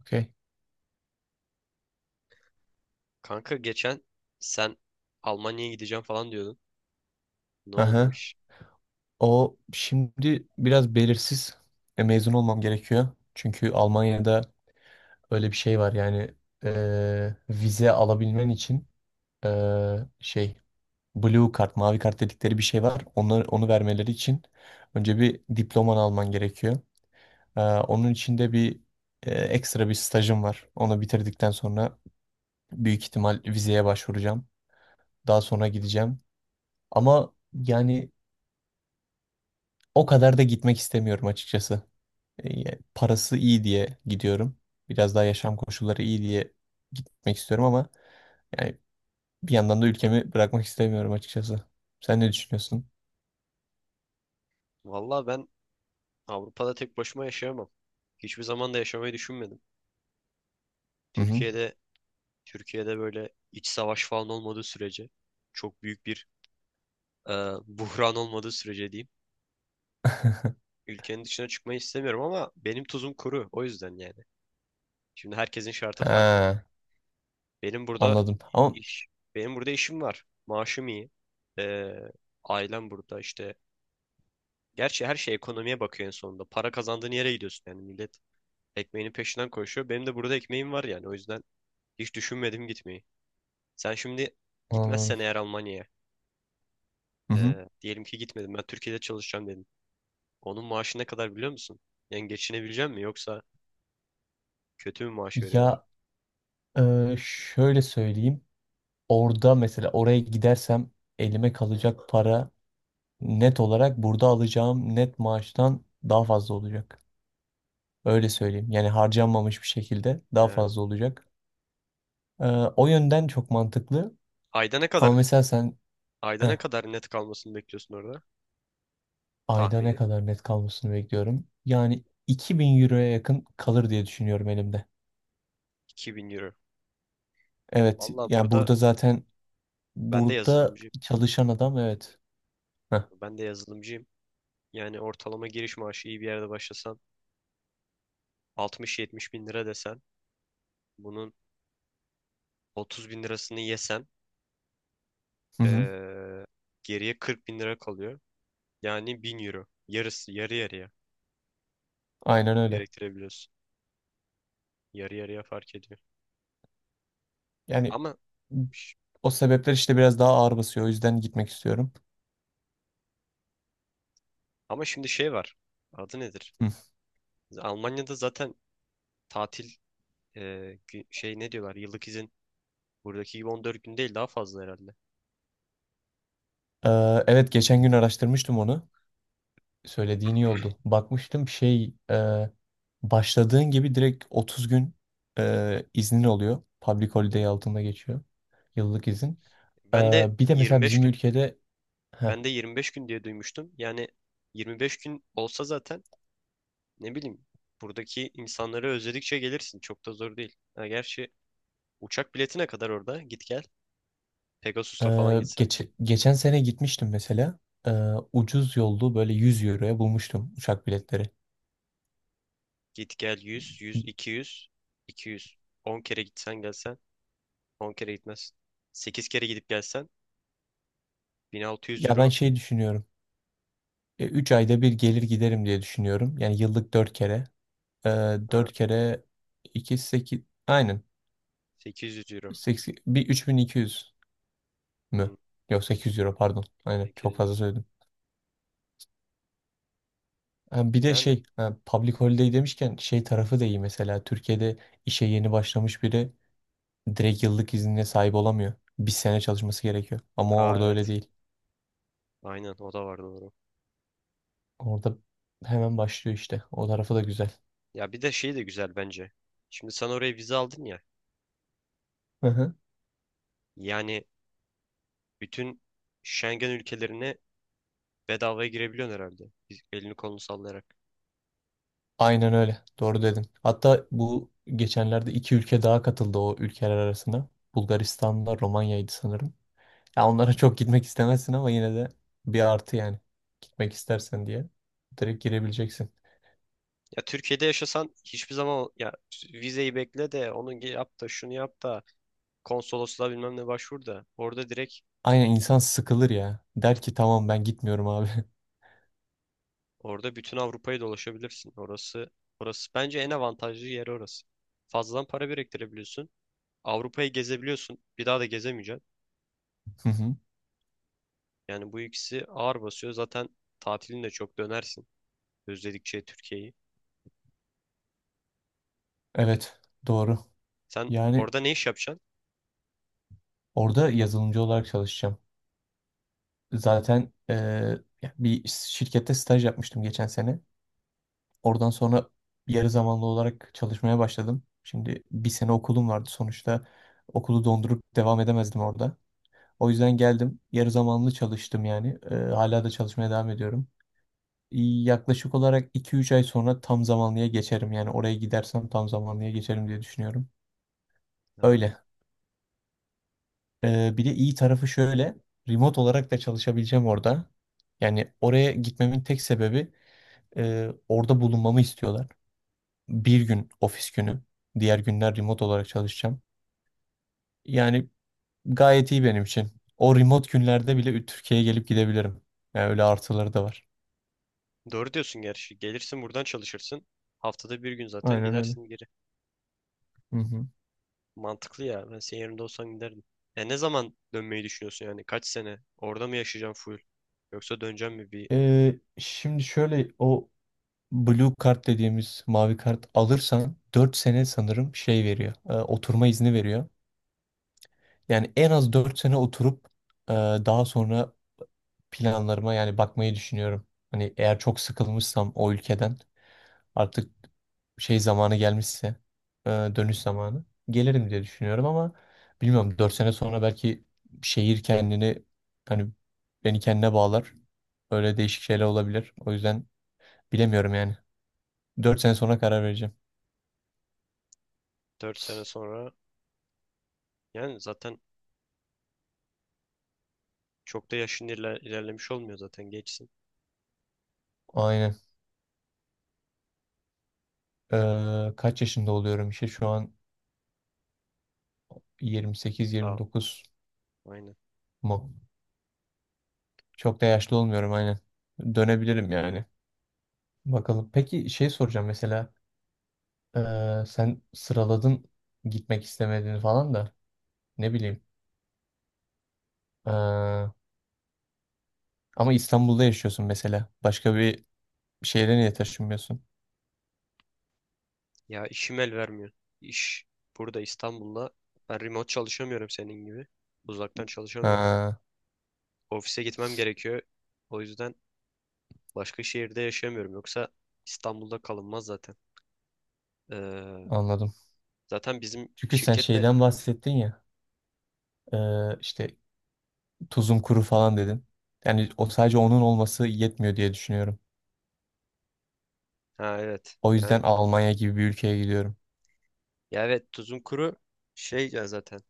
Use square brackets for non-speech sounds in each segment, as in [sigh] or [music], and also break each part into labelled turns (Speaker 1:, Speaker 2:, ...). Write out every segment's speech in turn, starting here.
Speaker 1: Okey.
Speaker 2: Kanka geçen sen Almanya'ya gideceğim falan diyordun. Ne oldu o
Speaker 1: Aha.
Speaker 2: iş?
Speaker 1: O şimdi biraz belirsiz. Mezun olmam gerekiyor. Çünkü Almanya'da öyle bir şey var yani vize alabilmen için e, şey blue kart, mavi kart dedikleri bir şey var. Onu vermeleri için önce bir diploman alman gerekiyor. Onun için de bir ekstra bir stajım var. Onu bitirdikten sonra büyük ihtimal vizeye başvuracağım. Daha sonra gideceğim. Ama yani o kadar da gitmek istemiyorum açıkçası. Parası iyi diye gidiyorum. Biraz daha yaşam koşulları iyi diye gitmek istiyorum ama yani bir yandan da ülkemi bırakmak istemiyorum açıkçası. Sen ne düşünüyorsun?
Speaker 2: Valla ben Avrupa'da tek başıma yaşayamam. Hiçbir zaman da yaşamayı düşünmedim.
Speaker 1: Hı hı.
Speaker 2: Türkiye'de Türkiye'de böyle iç savaş falan olmadığı sürece çok büyük bir e, [laughs] buhran olmadığı sürece diyeyim.
Speaker 1: [laughs]
Speaker 2: Ülkenin dışına çıkmayı istemiyorum ama benim tuzum kuru, o yüzden yani. Şimdi herkesin şartı farklı.
Speaker 1: Ha,
Speaker 2: Benim burada
Speaker 1: anladım. Ama
Speaker 2: iş benim burada işim var. Maaşım iyi. E, ailem burada işte. Gerçi her şey ekonomiye bakıyor en sonunda. Para kazandığın yere gidiyorsun yani, millet ekmeğinin peşinden koşuyor. Benim de burada ekmeğim var yani, o yüzden hiç düşünmedim gitmeyi. Sen şimdi
Speaker 1: anladım.
Speaker 2: gitmezsen eğer Almanya'ya,
Speaker 1: Hı hı.
Speaker 2: diyelim ki gitmedim, ben Türkiye'de çalışacağım dedim. Onun maaşı ne kadar biliyor musun? Yani geçinebilecek mi yoksa kötü mü maaş veriyorlar?
Speaker 1: Ya şöyle söyleyeyim. Orada mesela oraya gidersem elime kalacak para net olarak burada alacağım net maaştan daha fazla olacak. Öyle söyleyeyim. Yani harcanmamış bir şekilde daha
Speaker 2: E,
Speaker 1: fazla olacak. Ee, O yönden çok mantıklı.
Speaker 2: ayda ne
Speaker 1: Ama
Speaker 2: kadar
Speaker 1: mesela sen
Speaker 2: ayda
Speaker 1: eh,
Speaker 2: ne kadar net kalmasını bekliyorsun orada?
Speaker 1: ayda ne
Speaker 2: Tahmini
Speaker 1: kadar net kalmasını bekliyorum. Yani 2000 euroya yakın kalır diye düşünüyorum elimde.
Speaker 2: 2.000 euro.
Speaker 1: Evet,
Speaker 2: Valla
Speaker 1: yani
Speaker 2: burada
Speaker 1: burada zaten
Speaker 2: ben de
Speaker 1: burada
Speaker 2: yazılımcıyım.
Speaker 1: çalışan adam evet. Heh.
Speaker 2: Ben de yazılımcıyım. Yani ortalama giriş maaşı iyi bir yerde başlasan 60-70 bin lira desen, bunun 30 bin lirasını yesem,
Speaker 1: Hı hı,
Speaker 2: eee, geriye 40 bin lira kalıyor. Yani 1.000 euro. Yarısı, yarı yarıya
Speaker 1: aynen öyle.
Speaker 2: gerektirebiliyorsun. Yarı yarıya fark ediyor.
Speaker 1: Yani
Speaker 2: Ama ş-
Speaker 1: o sebepler işte biraz daha ağır basıyor. O yüzden gitmek istiyorum.
Speaker 2: ama şimdi şey var. Adı nedir?
Speaker 1: Hı.
Speaker 2: Almanya'da zaten tatil, şey, ne diyorlar, yıllık izin buradaki gibi 14 gün değil, daha fazla herhalde.
Speaker 1: Evet, geçen gün araştırmıştım onu. Söylediğin iyi oldu. Bakmıştım şey başladığın gibi direkt 30 gün iznin oluyor. Public holiday altında geçiyor. Yıllık izin.
Speaker 2: Ben de
Speaker 1: Bir de mesela
Speaker 2: 25
Speaker 1: bizim
Speaker 2: gün.
Speaker 1: ülkede. Heh.
Speaker 2: Ben de 25 gün diye duymuştum. Yani 25 gün olsa zaten, ne bileyim, buradaki insanları özledikçe gelirsin. Çok da zor değil. Ha, gerçi uçak biletine kadar orada git gel. Pegasus'la falan gitsen.
Speaker 1: Geçen sene gitmiştim mesela. Ucuz yollu böyle 100 euroya bulmuştum uçak biletleri.
Speaker 2: Git gel 100, 100, 200, 200. 10 kere gitsen gelsen 10 kere gitmez. 8 kere gidip gelsen 1600
Speaker 1: Ya ben
Speaker 2: euro.
Speaker 1: şey düşünüyorum. 3 ayda bir gelir giderim diye düşünüyorum. Yani yıllık 4 kere. Ee,
Speaker 2: Ha,
Speaker 1: 4 kere 2 8 aynen
Speaker 2: 800 euro.
Speaker 1: 80 bir 3200
Speaker 2: Hmm,
Speaker 1: mü? Yok 800 euro pardon. Aynen çok
Speaker 2: 800
Speaker 1: fazla
Speaker 2: euro.
Speaker 1: söyledim. Ha, bir de
Speaker 2: Yani.
Speaker 1: şey public holiday demişken şey tarafı da iyi mesela Türkiye'de işe yeni başlamış biri direkt yıllık iznine sahip olamıyor. Bir sene çalışması gerekiyor. Ama
Speaker 2: Aa
Speaker 1: orada öyle
Speaker 2: evet.
Speaker 1: değil.
Speaker 2: Aynen, o da var doğru.
Speaker 1: Orada hemen başlıyor işte. O tarafı da güzel.
Speaker 2: Ya bir de şey de güzel bence. Şimdi sen oraya vize aldın ya.
Speaker 1: Hı hı.
Speaker 2: Yani bütün Schengen ülkelerine bedavaya girebiliyorsun herhalde. Elini kolunu sallayarak.
Speaker 1: Aynen öyle. Doğru dedin. Hatta bu geçenlerde iki ülke daha katıldı o ülkeler arasına. Bulgaristan'la Romanya'ydı sanırım. Ya onlara çok gitmek istemezsin ama yine de bir artı yani. Gitmek istersen diye direkt girebileceksin.
Speaker 2: Ya Türkiye'de yaşasan hiçbir zaman ya vizeyi bekle, de onu yap, da şunu yap, da konsolosluğa bilmem ne başvur, da orada direkt
Speaker 1: Aynen insan sıkılır ya. Der ki tamam ben gitmiyorum abi. [laughs]
Speaker 2: orada bütün Avrupa'yı dolaşabilirsin. Orası bence en avantajlı yer, orası. Fazladan para biriktirebiliyorsun. Avrupa'yı gezebiliyorsun. Bir daha da gezemeyeceksin.
Speaker 1: Hı hı.
Speaker 2: Yani bu ikisi ağır basıyor. Zaten tatilin de çok dönersin. Özledikçe Türkiye'yi.
Speaker 1: Evet, doğru.
Speaker 2: Sen
Speaker 1: Yani
Speaker 2: orada ne iş yapacaksın?
Speaker 1: orada yazılımcı olarak çalışacağım. Zaten ya bir şirkette staj yapmıştım geçen sene. Oradan sonra yarı zamanlı olarak çalışmaya başladım. Şimdi bir sene okulum vardı sonuçta. Okulu dondurup devam edemezdim orada. O yüzden geldim. Yarı zamanlı çalıştım yani. Hala da çalışmaya devam ediyorum. Yaklaşık olarak 2-3 ay sonra tam zamanlıya geçerim. Yani oraya gidersem tam zamanlıya geçerim diye düşünüyorum.
Speaker 2: Ha.
Speaker 1: Öyle. Bir de iyi tarafı şöyle. Remote olarak da çalışabileceğim orada. Yani oraya gitmemin tek sebebi orada bulunmamı istiyorlar. Bir gün ofis günü. Diğer günler remote olarak çalışacağım. Yani gayet iyi benim için. O remote günlerde bile Türkiye'ye gelip gidebilirim. Yani öyle artıları da var.
Speaker 2: Doğru diyorsun gerçi. Gelirsin buradan, çalışırsın. Haftada bir gün zaten
Speaker 1: Aynen öyle.
Speaker 2: gidersin.
Speaker 1: Hı hı.
Speaker 2: Mantıklı ya. Ben senin yerinde olsam giderdim. Ya ne zaman dönmeyi düşünüyorsun yani? Kaç sene? Orada mı yaşayacağım full? Yoksa döneceğim mi bir
Speaker 1: Şimdi şöyle o Blue kart dediğimiz mavi kart alırsan 4 sene sanırım şey veriyor. Oturma izni veriyor. Yani en az 4 sene oturup daha sonra planlarıma yani bakmayı düşünüyorum. Hani eğer çok sıkılmışsam o ülkeden artık şey zamanı gelmişse dönüş zamanı gelirim diye düşünüyorum ama bilmiyorum 4 sene sonra belki şehir kendini hani beni kendine bağlar. Öyle değişik şeyler olabilir. O yüzden bilemiyorum yani. Dört sene sonra karar vereceğim.
Speaker 2: dört sene sonra? Yani zaten çok da yaşın ilerlemiş olmuyor zaten, geçsin.
Speaker 1: Aynen. Kaç yaşında oluyorum işte şu an
Speaker 2: Daha,
Speaker 1: 28-29
Speaker 2: aynen.
Speaker 1: mu? Çok da yaşlı olmuyorum aynen. Dönebilirim yani. Bakalım. Peki şey soracağım mesela sen sıraladın gitmek istemediğini falan da ne bileyim. Ee, Ama İstanbul'da yaşıyorsun mesela. Başka bir şehre niye taşınmıyorsun?
Speaker 2: Ya işim el vermiyor. İş burada, İstanbul'da. Ben remote çalışamıyorum senin gibi. Uzaktan çalışamıyorum.
Speaker 1: Ha,
Speaker 2: Ofise gitmem gerekiyor. O yüzden başka şehirde yaşayamıyorum. Yoksa İstanbul'da kalınmaz zaten. Ee,
Speaker 1: anladım.
Speaker 2: zaten bizim
Speaker 1: Çünkü sen
Speaker 2: şirkette,
Speaker 1: şeyden bahsettin ya işte tuzum kuru falan dedin. Yani o sadece onun olması yetmiyor diye düşünüyorum.
Speaker 2: ha evet.
Speaker 1: O
Speaker 2: Yani,
Speaker 1: yüzden Almanya gibi bir ülkeye gidiyorum.
Speaker 2: ya evet tuzun kuru. Şey ya, zaten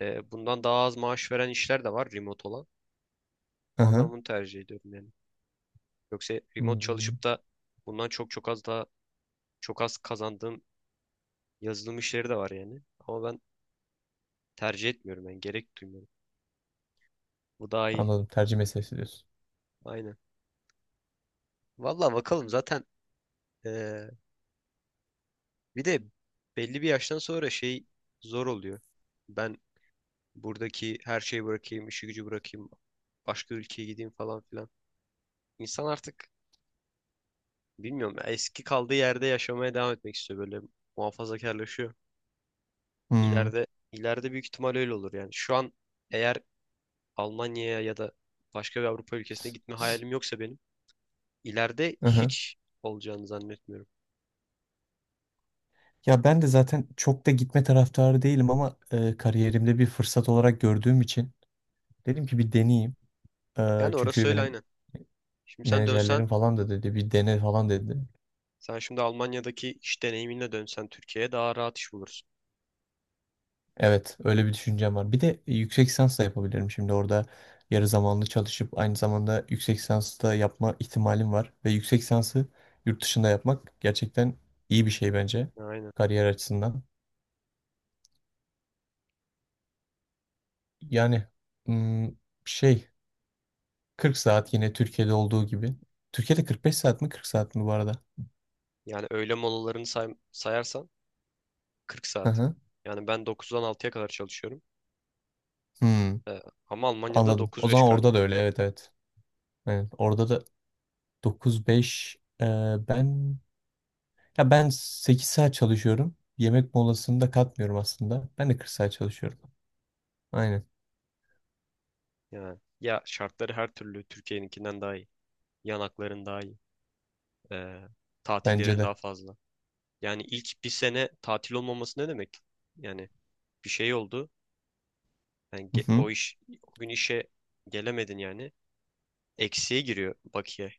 Speaker 2: bundan daha az maaş veren işler de var, remote olan.
Speaker 1: Hı
Speaker 2: Ama ben
Speaker 1: hı.
Speaker 2: bunu tercih ediyorum yani. Yoksa remote
Speaker 1: Hmm,
Speaker 2: çalışıp da bundan çok az kazandığım yazılım işleri de var yani. Ama ben tercih etmiyorum yani, gerek duymuyorum. Bu daha iyi.
Speaker 1: anladım. Tercih meselesi diyorsun.
Speaker 2: Aynen. Valla bakalım zaten, e, bir de belli bir yaştan sonra şey zor oluyor. Ben buradaki her şeyi bırakayım, işi gücü bırakayım, başka ülkeye gideyim falan filan. İnsan artık, bilmiyorum ya, eski kaldığı yerde yaşamaya devam etmek istiyor, böyle muhafazakarlaşıyor.
Speaker 1: Hmm.
Speaker 2: İleride ileride büyük ihtimal öyle olur yani. Şu an eğer Almanya'ya ya da başka bir Avrupa ülkesine gitme hayalim yoksa benim, ileride
Speaker 1: Hı hı.
Speaker 2: hiç olacağını zannetmiyorum.
Speaker 1: Ya ben de zaten çok da gitme taraftarı değilim ama kariyerimde bir fırsat olarak gördüğüm için dedim ki bir deneyeyim.
Speaker 2: Yani orası
Speaker 1: Çünkü
Speaker 2: öyle,
Speaker 1: benim
Speaker 2: aynen. Şimdi sen
Speaker 1: menajerlerim
Speaker 2: dönsen
Speaker 1: falan da dedi bir dene falan dedi.
Speaker 2: sen şimdi Almanya'daki iş deneyiminle dönsen Türkiye'ye daha rahat iş bulursun.
Speaker 1: Evet, öyle bir düşüncem var. Bir de yüksek lisans da yapabilirim şimdi orada yarı zamanlı çalışıp aynı zamanda yüksek lisans da yapma ihtimalim var ve yüksek lisansı yurt dışında yapmak gerçekten iyi bir şey bence
Speaker 2: Aynen.
Speaker 1: kariyer açısından. Yani hmm, şey 40 saat yine Türkiye'de olduğu gibi. Türkiye'de 45 saat mi 40 saat mi bu arada?
Speaker 2: Yani öğle molalarını sayarsan 40
Speaker 1: Hı
Speaker 2: saat.
Speaker 1: hı.
Speaker 2: Yani ben 9'dan 6'ya kadar çalışıyorum.
Speaker 1: Hmm,
Speaker 2: Ee, ama Almanya'da
Speaker 1: anladım. O
Speaker 2: 9-5
Speaker 1: zaman orada
Speaker 2: galiba.
Speaker 1: da öyle. Evet, evet. Evet, orada da 9-5 e, ben Ya ben 8 saat çalışıyorum. Yemek molasını da katmıyorum aslında. Ben de 40 saat çalışıyorum. Aynen.
Speaker 2: Yani ya, şartları her türlü Türkiye'ninkinden daha iyi. Yanakların daha iyi. Ee,
Speaker 1: Bence
Speaker 2: tatillerin
Speaker 1: de.
Speaker 2: daha fazla. Yani ilk bir sene tatil olmaması ne demek? Yani bir şey oldu. Yani
Speaker 1: Hı hı.
Speaker 2: o iş, o gün işe gelemedin yani. Eksiye giriyor bakiye.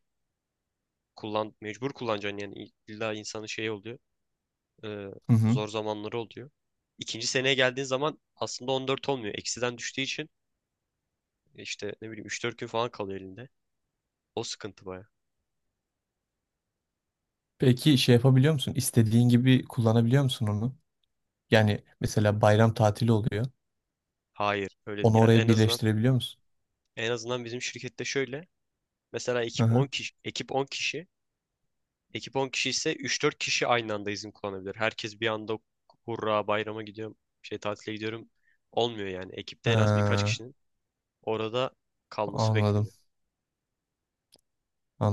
Speaker 2: Kullan, mecbur kullanacaksın yani. İlla insanın şeyi oluyor. Ee,
Speaker 1: Hı hı.
Speaker 2: zor zamanları oluyor. İkinci seneye geldiğin zaman aslında 14 olmuyor. Eksiden düştüğü için işte ne bileyim 3-4 gün falan kalıyor elinde. O sıkıntı baya.
Speaker 1: Peki şey yapabiliyor musun? İstediğin gibi kullanabiliyor musun onu? Yani mesela bayram tatili oluyor.
Speaker 2: Hayır. Öyle
Speaker 1: Onu
Speaker 2: ya, en
Speaker 1: oraya
Speaker 2: azından
Speaker 1: birleştirebiliyor musun?
Speaker 2: En azından bizim şirkette şöyle. Mesela
Speaker 1: Hı
Speaker 2: ekip 10
Speaker 1: hı.
Speaker 2: kişi, ekip 10 kişi, ekip 10 kişi ise 3-4 kişi aynı anda izin kullanabilir. Herkes bir anda hurra bayrama gidiyorum, şey tatile gidiyorum olmuyor yani. Ekipte en az birkaç
Speaker 1: Ha,
Speaker 2: kişinin orada kalması
Speaker 1: anladım.
Speaker 2: bekleniyor.